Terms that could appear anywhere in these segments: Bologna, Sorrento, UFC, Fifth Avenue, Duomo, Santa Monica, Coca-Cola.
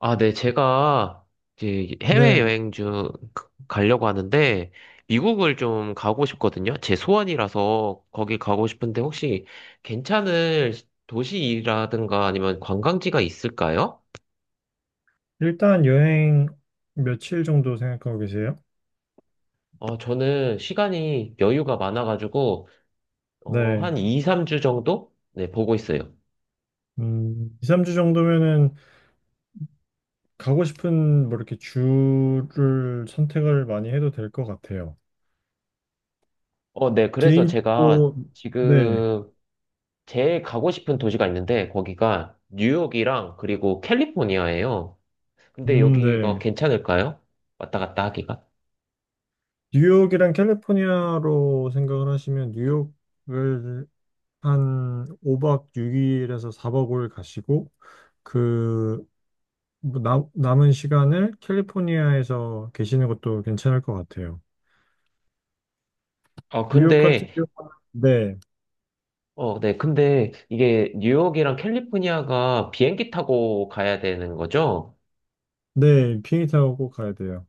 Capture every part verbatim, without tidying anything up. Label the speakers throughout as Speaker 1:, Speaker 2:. Speaker 1: 아, 네, 제가 이제
Speaker 2: 네.
Speaker 1: 해외여행 중 가려고 하는데, 미국을 좀 가고 싶거든요. 제 소원이라서 거기 가고 싶은데, 혹시 괜찮을 도시라든가 아니면 관광지가 있을까요?
Speaker 2: 일단 여행 며칠 정도 생각하고 계세요?
Speaker 1: 어, 저는 시간이 여유가 많아가지고, 어,
Speaker 2: 네.
Speaker 1: 한 이, 삼 주 정도? 네, 보고 있어요.
Speaker 2: 음, 이, 삼 주 정도면은 가고 싶은 뭐 이렇게 주를 선택을 많이 해도 될 것 같아요.
Speaker 1: 어, 네, 그래서 제가
Speaker 2: 개인적으로, 네.
Speaker 1: 지금 제일 가고 싶은 도시가 있는데, 거기가 뉴욕이랑 그리고 캘리포니아예요. 근데
Speaker 2: 음,
Speaker 1: 여기가
Speaker 2: 네.
Speaker 1: 괜찮을까요? 왔다 갔다 하기가?
Speaker 2: 뉴욕이랑 캘리포니아로 생각을 하시면 뉴욕을 한 오 박 육 일에서 사 박 오 일 가시고 그 뭐 남, 남은 시간을 캘리포니아에서 계시는 것도 괜찮을 것 같아요.
Speaker 1: 아,
Speaker 2: 뉴욕 같은
Speaker 1: 근데,
Speaker 2: 경우는, 네,
Speaker 1: 어, 네. 근데 이게 뉴욕이랑 캘리포니아가 비행기 타고 가야 되는 거죠?
Speaker 2: 네, 비행기 타고 꼭 가야 돼요.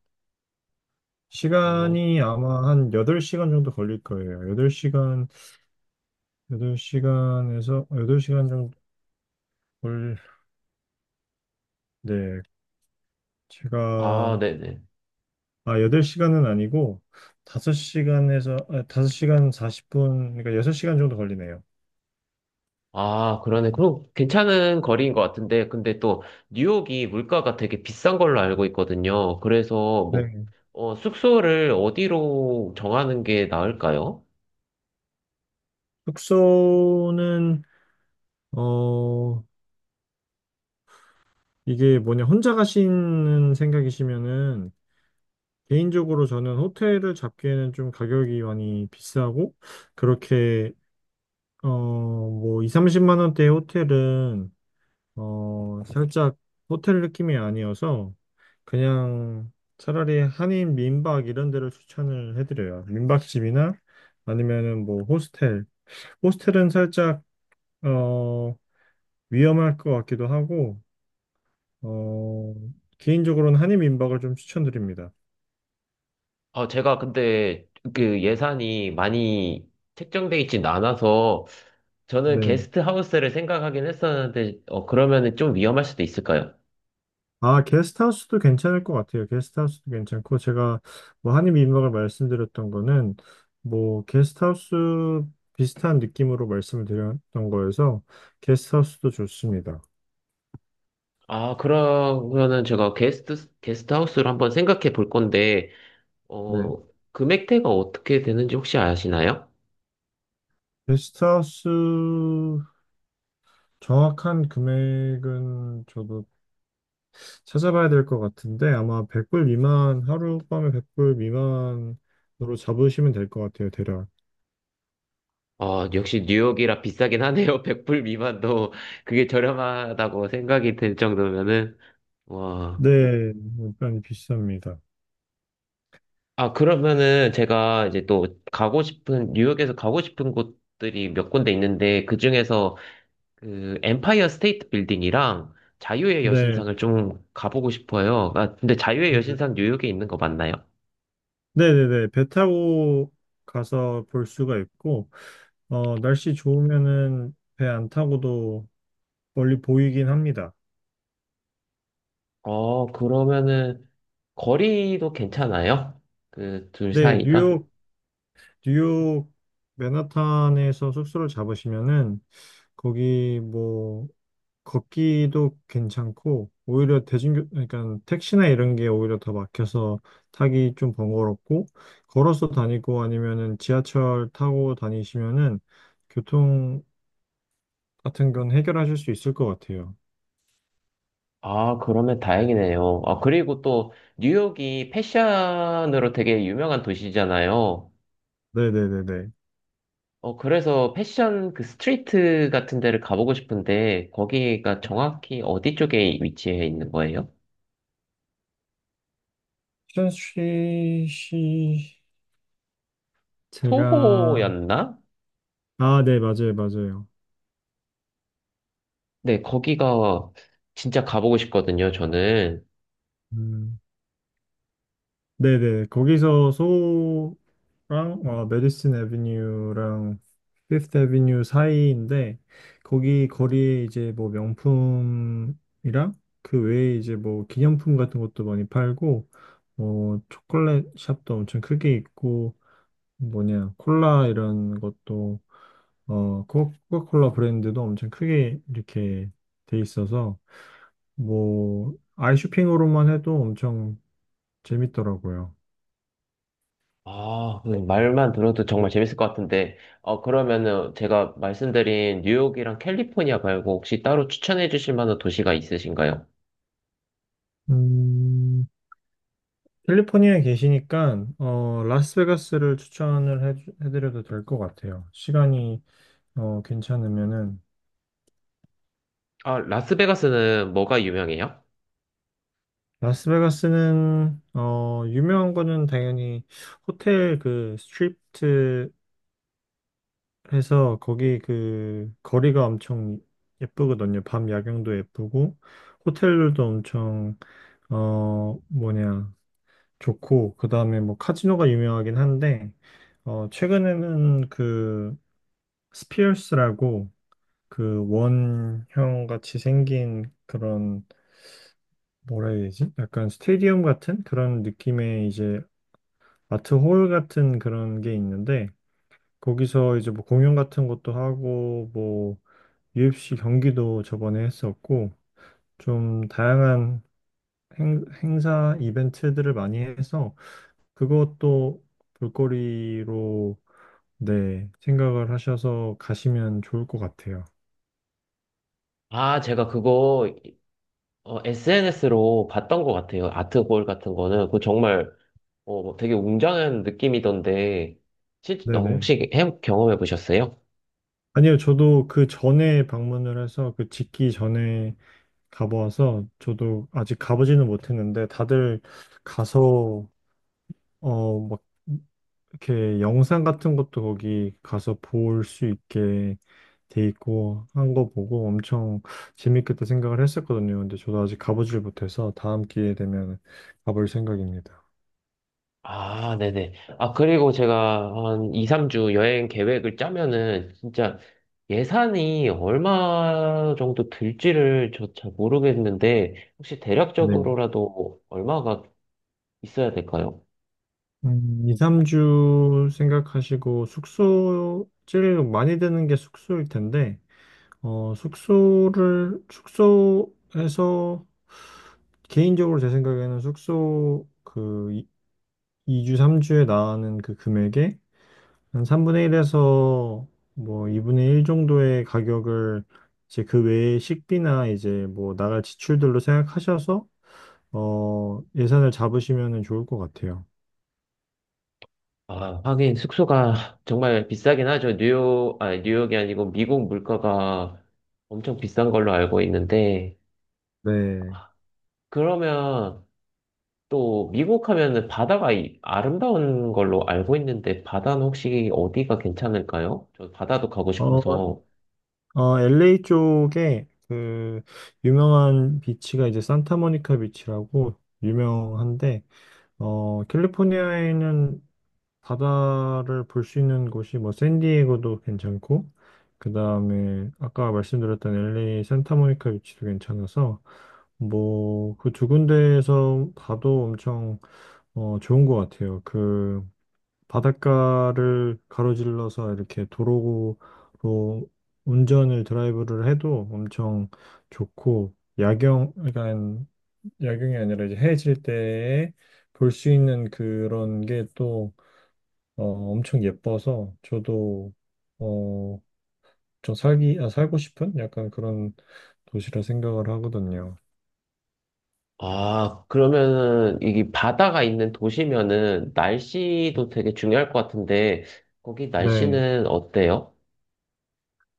Speaker 1: 어,
Speaker 2: 시간이 아마 한 여덟 시간 정도 걸릴 거예요. 여덟 시간, 여덟 시간에서 여덟 시간 정도 걸, 네,
Speaker 1: 아,
Speaker 2: 제가,
Speaker 1: 네네.
Speaker 2: 아, 여덟 시간은 아니고 다섯 시간에서, 아, 다섯 시간 사십 분, 그러니까 여섯 시간 정도 걸리네요.
Speaker 1: 아, 그러네. 그럼 괜찮은 거리인 것 같은데, 근데 또 뉴욕이 물가가 되게 비싼 걸로 알고 있거든요. 그래서 뭐,
Speaker 2: 네.
Speaker 1: 어, 숙소를 어디로 정하는 게 나을까요?
Speaker 2: 숙소는, 어, 이게 뭐냐, 혼자 가시는 생각이시면은 개인적으로 저는 호텔을 잡기에는 좀 가격이 많이 비싸고, 그렇게, 어, 뭐, 이, 삼십만 원대의 호텔은, 어, 살짝 호텔 느낌이 아니어서, 그냥 차라리 한인 민박 이런 데를 추천을 해드려요. 민박집이나 아니면은 뭐, 호스텔. 호스텔은 살짝, 어, 위험할 것 같기도 하고, 어, 개인적으로는 한인 민박을 좀 추천드립니다.
Speaker 1: 아, 제가 근데 그 예산이 많이 책정돼 있진 않아서 저는
Speaker 2: 네.
Speaker 1: 게스트 하우스를 생각하긴 했었는데, 어, 그러면은 좀 위험할 수도 있을까요?
Speaker 2: 아, 게스트하우스도 괜찮을 것 같아요. 게스트하우스도 괜찮고, 제가 뭐 한입 민박을 말씀드렸던 거는, 뭐, 게스트하우스 비슷한 느낌으로 말씀을 드렸던 거여서, 게스트하우스도 좋습니다.
Speaker 1: 아, 그러면은 제가 게스트, 게스트 하우스를 한번 생각해 볼 건데,
Speaker 2: 네.
Speaker 1: 어, 금액대가 어떻게 되는지 혹시 아시나요?
Speaker 2: 게스트하우스 정확한 금액은 저도 찾아봐야 될 것 같은데, 아마 백 불 미만, 하룻밤에 백 불 미만으로 잡으시면 될 것 같아요, 대략.
Speaker 1: 어, 역시 뉴욕이라 비싸긴 하네요. 백 불 미만도 그게 저렴하다고 생각이 들 정도면은, 와.
Speaker 2: 네, 일단 비쌉니다.
Speaker 1: 아, 그러면은 제가 이제 또 가고 싶은, 뉴욕에서 가고 싶은 곳들이 몇 군데 있는데, 그 중에서 그 엠파이어 스테이트 빌딩이랑 자유의
Speaker 2: 네.
Speaker 1: 여신상을 좀 가보고 싶어요. 아, 근데 자유의
Speaker 2: 그
Speaker 1: 여신상 뉴욕에 있는 거 맞나요?
Speaker 2: 네네네. 배 타고 가서 볼 수가 있고, 어, 날씨 좋으면은 배 안 타고도 멀리 보이긴 합니다.
Speaker 1: 어, 그러면은 거리도 괜찮아요? 그 둘
Speaker 2: 네, 음.
Speaker 1: 사이가?
Speaker 2: 뉴욕, 뉴욕 맨하탄에서 숙소를 잡으시면은 거기 뭐 걷기도 괜찮고, 오히려 대중교, 그러니까 택시나 이런 게 오히려 더 막혀서 타기 좀 번거롭고, 걸어서 다니고 아니면은 지하철 타고 다니시면은 교통 같은 건 해결하실 수 있을 것 같아요.
Speaker 1: 아, 그러면 다행이네요. 아, 그리고 또 뉴욕이 패션으로 되게 유명한 도시잖아요.
Speaker 2: 네네네네.
Speaker 1: 어, 그래서 패션 그 스트리트 같은 데를 가보고 싶은데 거기가 정확히 어디 쪽에 위치해 있는 거예요?
Speaker 2: 춘씨 씨, 제가.
Speaker 1: 소호였나?
Speaker 2: 아, 네, 맞아요, 맞아요.
Speaker 1: 네, 거기가 진짜 가보고 싶거든요, 저는.
Speaker 2: 음 네네, 거기서 소랑 어, 메디슨 애비뉴랑 피프트 애비뉴 사이인데 거기 거리에 이제 뭐 명품이랑 그 외에 이제 뭐 기념품 같은 것도 많이 팔고 어 초콜릿 샵도 엄청 크게 있고 뭐냐, 콜라 이런 것도, 어, 코- 코카콜라 브랜드도 엄청 크게 이렇게 돼 있어서, 뭐, 아이 쇼핑으로만 해도 엄청 재밌더라고요.
Speaker 1: 아, 네, 말만 들어도 정말 재밌을 것 같은데. 어, 그러면은 제가 말씀드린 뉴욕이랑 캘리포니아 말고 혹시 따로 추천해 주실 만한 도시가 있으신가요?
Speaker 2: 음, 캘리포니아에 계시니까, 어, 라스베가스를 추천을 해, 해드려도 될 것 같아요. 시간이, 어, 괜찮으면은.
Speaker 1: 아, 라스베가스는 뭐가 유명해요?
Speaker 2: 라스베가스는, 어, 유명한 거는 당연히 호텔 그 스트립트 해서 거기 그 거리가 엄청 예쁘거든요. 밤 야경도 예쁘고 호텔들도 엄청 어 뭐냐, 좋고 그다음에 뭐 카지노가 유명하긴 한데 어 최근에는 그 스피어스라고 그 원형 같이 생긴 그런 뭐라 해야 되지? 약간 스테디움 같은 그런 느낌의 이제 아트홀 같은 그런 게 있는데 거기서 이제 뭐 공연 같은 것도 하고 뭐 유에프씨 경기도 저번에 했었고, 좀 다양한 행, 행사 이벤트들을 많이 해서 그것도 볼거리로 네, 생각을 하셔서 가시면 좋을 것 같아요.
Speaker 1: 아, 제가 그거 에스엔에스로 봤던 것 같아요. 아트 볼 같은 거는. 그거 정말 어, 되게 웅장한 느낌이던데. 실, 어,
Speaker 2: 네네.
Speaker 1: 혹시 해, 경험해 보셨어요?
Speaker 2: 아니요, 저도 그 전에 방문을 해서 그 짓기 전에 가보아서 저도 아직 가보지는 못했는데 다들 가서 어, 막 이렇게 영상 같은 것도 거기 가서 볼 수 있게 돼 있고 한 거 보고 엄청 재밌겠다 생각을 했었거든요. 근데 저도 아직 가보질 못해서 다음 기회 되면 가볼 생각입니다.
Speaker 1: 아, 네네. 아, 그리고 제가 한 이, 삼 주 여행 계획을 짜면은 진짜 예산이 얼마 정도 들지를 저 잘 모르겠는데 혹시
Speaker 2: 네.
Speaker 1: 대략적으로라도 얼마가 있어야 될까요?
Speaker 2: 한 이, 삼 주 생각하시고 숙소 제일 많이 드는 게 숙소일 텐데 어, 숙소를 숙소에서 개인적으로 제 생각에는 숙소 그 이 주, 삼 주에 나가는 그 금액에 한 삼분의 일에서 뭐 이분의 일 정도의 가격을 이제 그 외에 식비나 이제 뭐 나갈 지출들로 생각하셔서 어, 예산을 잡으시면 좋을 것 같아요.
Speaker 1: 아, 하긴 숙소가 정말 비싸긴 하죠. 뉴욕, 아니, 뉴욕이 아니고 미국 물가가 엄청 비싼 걸로 알고 있는데
Speaker 2: 네.
Speaker 1: 그러면 또 미국 하면은 바다가 이- 아름다운 걸로 알고 있는데 바다는 혹시 어디가 괜찮을까요? 저 바다도 가고
Speaker 2: 어,
Speaker 1: 싶어서.
Speaker 2: 어, 엘에이 쪽에 그 유명한 비치가 이제 산타모니카 비치라고 유명한데 어, 캘리포니아에는 바다를 볼 수 있는 곳이 뭐 샌디에고도 괜찮고 그 다음에 아까 말씀드렸던 엘에이 산타모니카 위치도 괜찮아서 뭐 그 두 군데에서 봐도 엄청 어, 좋은 것 같아요. 그 바닷가를 가로질러서 이렇게 도로로 운전을 드라이브를 해도 엄청 좋고 야경 그러니까 야경이 아니라 이제 해질 때 볼 수 있는 그런 게또 어, 엄청 예뻐서 저도 어, 좀 살기 아, 살고 싶은 약간 그런 도시라 생각을 하거든요.
Speaker 1: 아, 그러면은 이게 바다가 있는 도시면은 날씨도 되게 중요할 것 같은데 거기
Speaker 2: 네.
Speaker 1: 날씨는 어때요?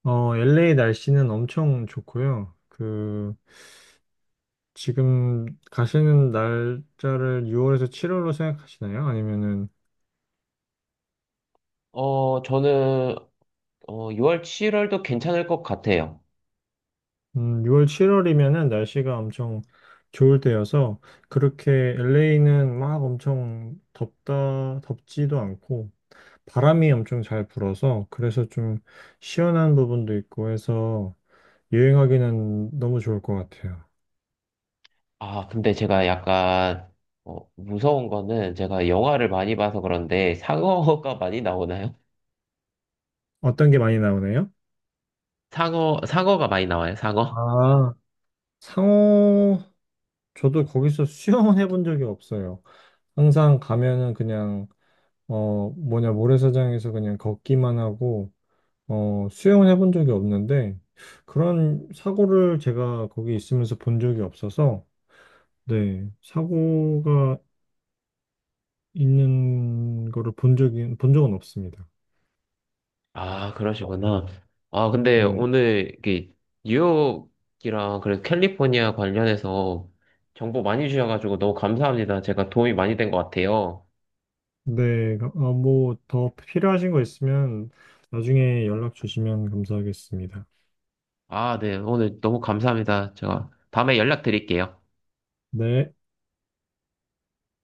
Speaker 2: 어, 엘에이 날씨는 엄청 좋고요. 그 지금 가시는 날짜를 유월에서 칠월로 생각하시나요? 아니면은
Speaker 1: 어, 저는 어, 유월, 칠월도 괜찮을 것 같아요.
Speaker 2: 음, 유월 칠월이면은 날씨가 엄청 좋을 때여서 그렇게 엘에이는 막 엄청 덥다 덥지도 않고 바람이 엄청 잘 불어서 그래서 좀 시원한 부분도 있고 해서 여행하기는 너무 좋을 것 같아요.
Speaker 1: 아, 근데 제가 약간 어, 무서운 거는 제가 영화를 많이 봐서 그런데 상어가 많이 나오나요?
Speaker 2: 어떤 게 많이 나오나요?
Speaker 1: 상어, 상어가 많이 나와요, 상어?
Speaker 2: 아, 상호, 저도 거기서 수영은 해본 적이 없어요. 항상 가면은 그냥 어 뭐냐, 모래사장에서 그냥 걷기만 하고 어 수영은 해본 적이 없는데 그런 사고를 제가 거기 있으면서 본 적이 없어서 네, 사고가 있는 거를 본 적이 본 적은 없습니다.
Speaker 1: 아, 그러시구나. 아, 근데
Speaker 2: 네.
Speaker 1: 오늘 이게 뉴욕이랑 그래서 캘리포니아 관련해서 정보 많이 주셔가지고 너무 감사합니다. 제가 도움이 많이 된 것 같아요.
Speaker 2: 네. 아, 뭐 더 필요하신 거 있으면 나중에 연락 주시면 감사하겠습니다.
Speaker 1: 아, 네. 오늘 너무 감사합니다. 제가 다음에 연락드릴게요.
Speaker 2: 네.